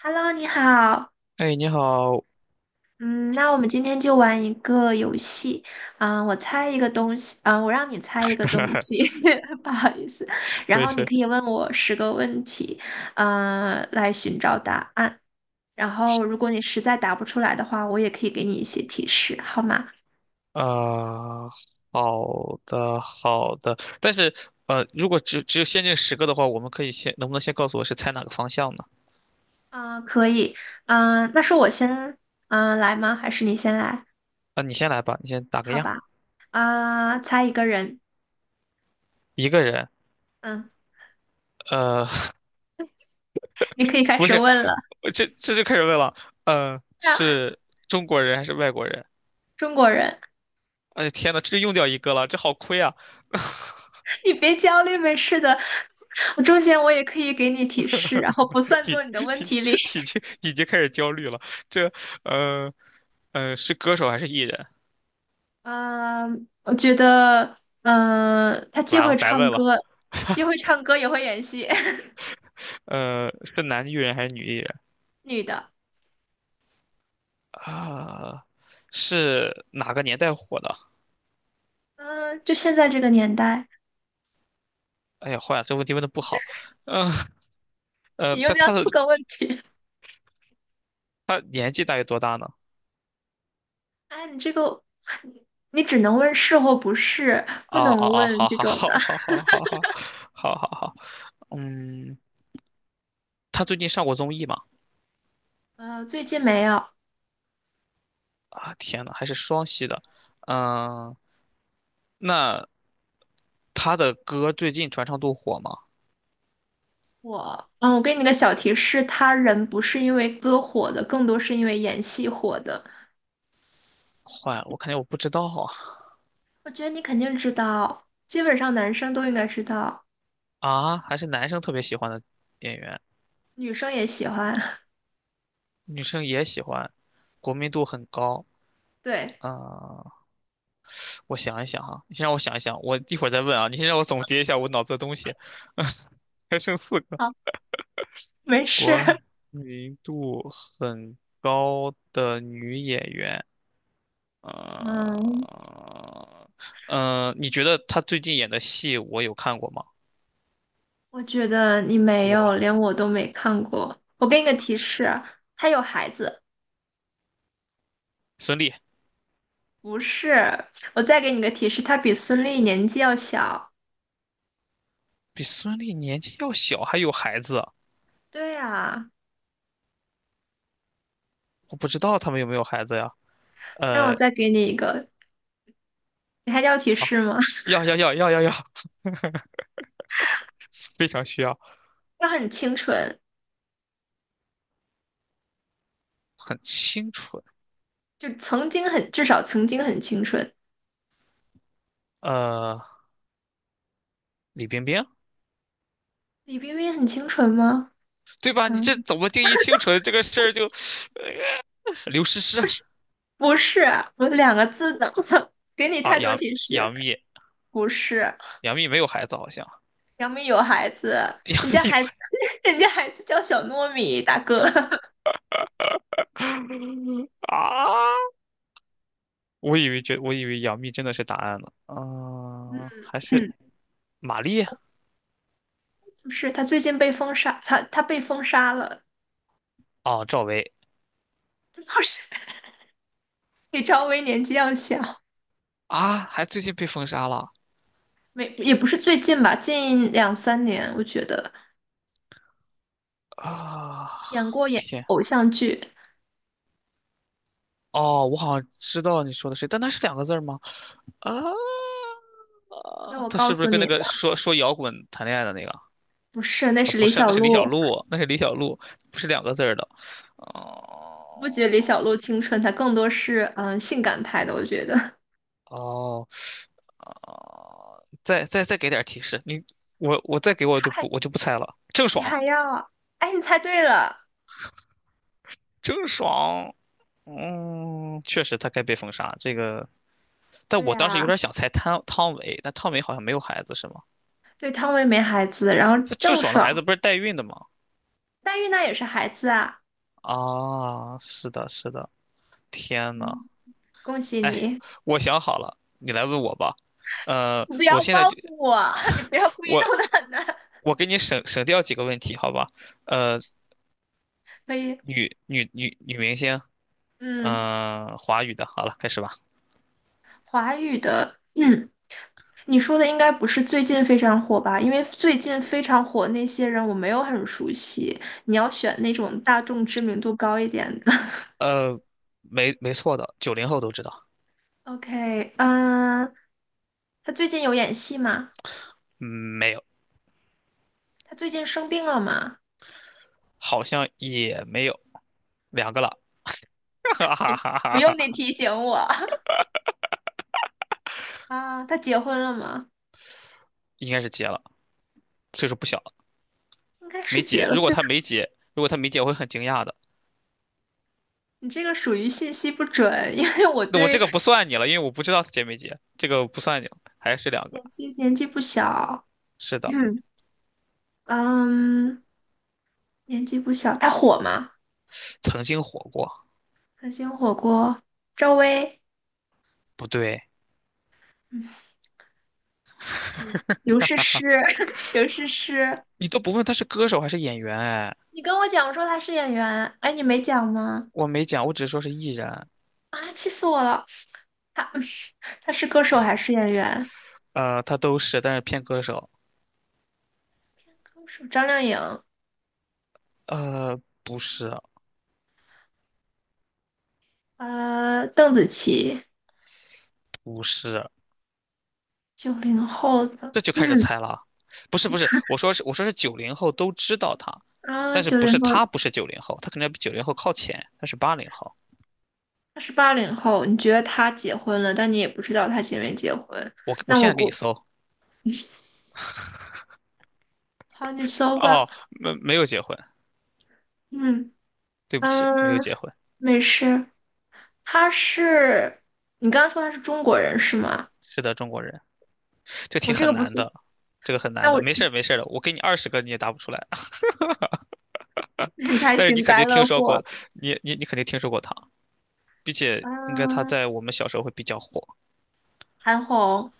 Hello，你好。哎，你好，嗯，那我们今天就玩一个游戏。我猜一个东西，我让你猜一个东西，不好意思。我然也后你是，可以问我10个问题，来寻找答案。然后如果你实在答不出来的话，我也可以给你一些提示，好吗？呃，好的，好的，但是，如果只有限定十个的话，我们可以先，能不能先告诉我是猜哪个方向呢？嗯，可以。那是我先，来吗？还是你先来？啊、你先来吧，你先打个好样。吧。啊，猜一个人。一个人，嗯，呃，你可 以开不始是，问了。我这就开始问了。是中国人还是外国人？中国人。哎，天呐，这就用掉一个了，这好亏啊！你别焦虑，没事的。我中间我也可以给你提示，然后不算已做你的问已题里。已 经已经开始焦虑了。这，呃，是歌手还是艺人？嗯，我觉得，他既完了，会白唱问了。歌，既他 会 唱歌也会演戏，是男艺人还是女艺人女的。啊？是哪个年代火的？嗯，就现在这个年代，哎呀，坏了，这问题问的不好。嗯呃，你又他掉他四的个问题。他年纪大概多大呢？哎，你这个，你只能问是或不是，不哦哦能哦，问好这好种的。好好好好好好好好。嗯，他最近上过综艺吗？最近没有。啊，天呐，还是双栖的。嗯，那他的歌最近传唱度火吗？我给你个小提示，他人不是因为歌火的，更多是因为演戏火的。坏了，我肯定我不知道啊。我觉得你肯定知道，基本上男生都应该知道，啊，还是男生特别喜欢的演员，女生也喜欢。女生也喜欢，国民度很高。对，啊、我想一想哈，你先让我想一想，我一会儿再问啊。你先让我总结一下我脑子的东西，还剩四个。好，没事。国 民度很高的女演员，嗯，呃，你觉得她最近演的戏我有看过吗？我觉得你没有，我连我都没看过。我给你个提示，他有孩子，孙俪不是。我再给你个提示，他比孙俪年纪要小。比孙俪年纪要小，还有孩子啊，对呀，我不知道他们有没有孩子呀？那我呃，再给你一个，你还要提好，示吗？要要要要要要，非常需要，他很清纯，很清纯。就曾经很，至少曾经很清纯。呃，李冰冰。李冰冰很清纯吗？对吧？你嗯。这怎么定义清纯这个事儿就刘诗诗。不是，我两个字的，给你啊，太多杨提示。杨幂，不是，杨幂没有孩子好像，杨幂有孩子，杨人幂家有孩子，孩子 人家孩子叫小糯米，大哥。啊，我以为杨幂真的是答案呢。嗯，啊，还是嗯，马丽。不是，他最近被封杀，他被封杀了，哦，赵薇。不是，比赵薇年纪要小，啊，还最近被封杀了。没也不是最近吧，近两三年，我觉得啊，演过演，天。哦，我好像知道你说的谁，但他是两个字儿吗？啊，啊要我他告是不是诉跟你那个吗？说摇滚谈恋爱的那个？不是，那啊是不李是，那小是李小璐，璐，那是李小璐，不是两个字儿的。不觉得李小哦璐青春，她更多是嗯性感派的，我觉得。哦，哦，再给点提示。你我再给我就不我 就不猜了。郑你爽，还要，哎，你猜对了，郑爽，嗯，确实她该被封杀。这个，但对我当时有呀、点想猜汤唯，但汤唯好像没有孩子是吗？对，汤唯没孩子，然后这郑郑爽的孩爽、子不是代孕的吗？代孕那也是孩子啊。啊，是的，是的，天呐。嗯，恭喜哎，你！我想好了，你来问我吧。你不我要现在报就 复我，你不 要故意我弄得很难。我给你省掉几个问题，好吧？呃，可以，女明星，嗯，嗯、华语的，好了，开始吧。华语的，你说的应该不是最近非常火吧？因为最近非常火那些人我没有很熟悉，你要选那种大众知名度高一点的。呃，没错的，九零后都知道。OK,他最近有演戏吗？嗯，没有，他最近生病了吗？好像也没有，两个了，哈哈哈不哈用你哈。提醒我 啊，他结婚了吗？应该是结了，岁数不小了。应该是没结结。了如果岁数，他没结，如果他没结，我会很惊讶的。你这个属于信息不准，因为我那我这对个不算你了，因为我不知道他结没结，这个不算你了，还是两个。年纪不小，是的，嗯嗯，年纪不小，他火吗？曾经火过。可心火锅，赵薇，不对，刘诗诗，刘诗诗，你都不问他是歌手还是演员，哎，你跟我讲说她是演员，哎，你没讲吗？我没讲，我只是说是艺人。啊，气死我了！她 她是歌手还是演员？他都是，但是偏歌手。歌手张靓颖，不是，邓紫棋，不是，九零后的，这就开始嗯，猜了。不是，不是，我说是，我说是九零后都知道他，啊，但是九零后，不是九零后，他可能要比九零后靠前，他是80后。他是80后，你觉得他结婚了，但你也不知道他结没结婚。我那现我在给你估，搜。好，你搜吧。哦，没有结婚，嗯对不起，没嗯，有结婚。没事。他是，你刚刚说他是中国人是吗？是的，中国人。这我题这很个不难是 的，这个很 难那的，我 没事儿没事儿的，我给你20个你也答不出来。太但是你幸肯灾定听乐说祸过了。的，你肯定听说过他，并且应该他嗯，在我们小时候会比较火。韩红，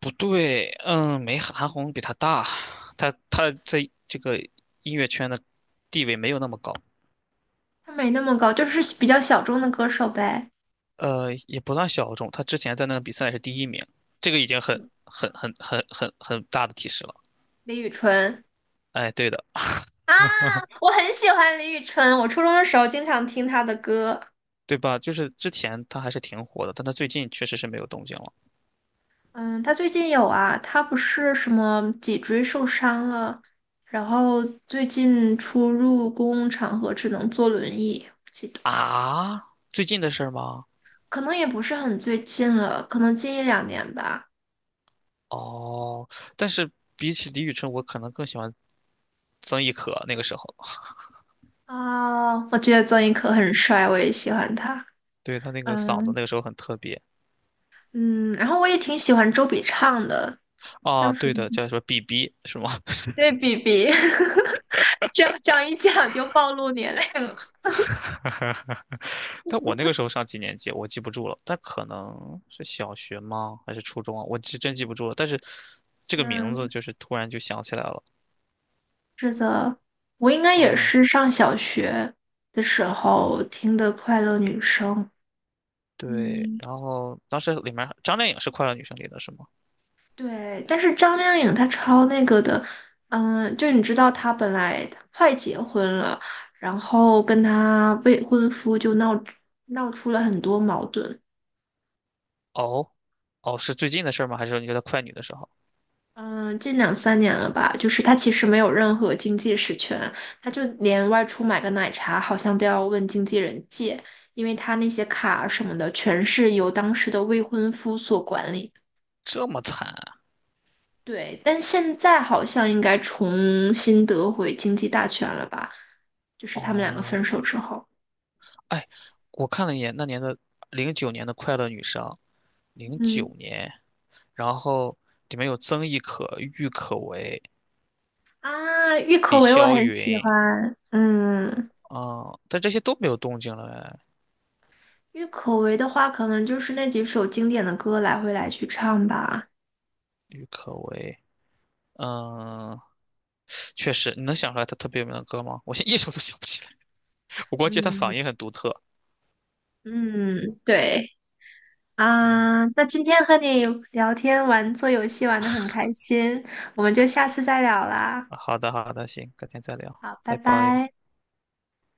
不对，嗯，没韩红比他大，他在这个音乐圈的地位没有那么高。他没那么高，就是比较小众的歌手呗。也不算小众。他之前在那个比赛是第一名，这个已经很嗯很很很很很大的提示了。李宇春哎，对的。啊，我很喜欢李宇春，我初中的时候经常听她的歌。对吧？就是之前他还是挺火的，但他最近确实是没有动静了。嗯，他最近有啊，他不是什么脊椎受伤了，然后最近出入公共场合只能坐轮椅，我记得啊。最近的事儿吗？可能也不是很最近了，可能近一两年吧。哦，但是比起李宇春，我可能更喜欢曾轶可那个时候。啊、我觉得曾轶可很帅，我也喜欢他。对，他那个嗓子嗯那个时候很特别。嗯，然后我也挺喜欢周笔畅的，啊，叫什对么？的，叫什么 BB 是吗？对，比比，这样一讲就暴露年龄了。但我那个时候上几年级，我记不住了，但可能是小学吗？还是初中啊？我是真记不住了。但是这个名字嗯，就是突然就想起来了。是的，我应该也啊，是上小学的时候听的《快乐女声》。对。嗯，然后当时里面张靓颖是《快乐女生》里的是吗？对。但是张靓颖她超那个的，就你知道她本来她快结婚了，然后跟她未婚夫就闹出了很多矛盾，哦，哦，是最近的事儿吗？还是你觉得快女的时候嗯，近两三年了吧，就是他其实没有任何经济实权，他就连外出买个奶茶好像都要问经纪人借，因为他那些卡啊什么的全是由当时的未婚夫所管理。这么惨啊？对，但现在好像应该重新得回经济大权了吧？就是他们两个哦，分手之后，哎，我看了一眼那年的零九年的《快乐女生》，零嗯九年，然后里面有曾轶可、郁可唯、啊，郁李可唯我霄很喜云。欢，啊、但这些都没有动静了哎。郁可唯的话可能就是那几首经典的歌来回来去唱吧。嗯，确实，你能想出来他特别有名的歌吗？我现在一首都想不起来，我估计他嗓嗯，音很独特。嗯，对嗯。啊，那今天和你聊天玩做游戏玩的很开心，我们就下次再聊啦。好的，好的，行，改天再聊，好，拜拜拜。拜。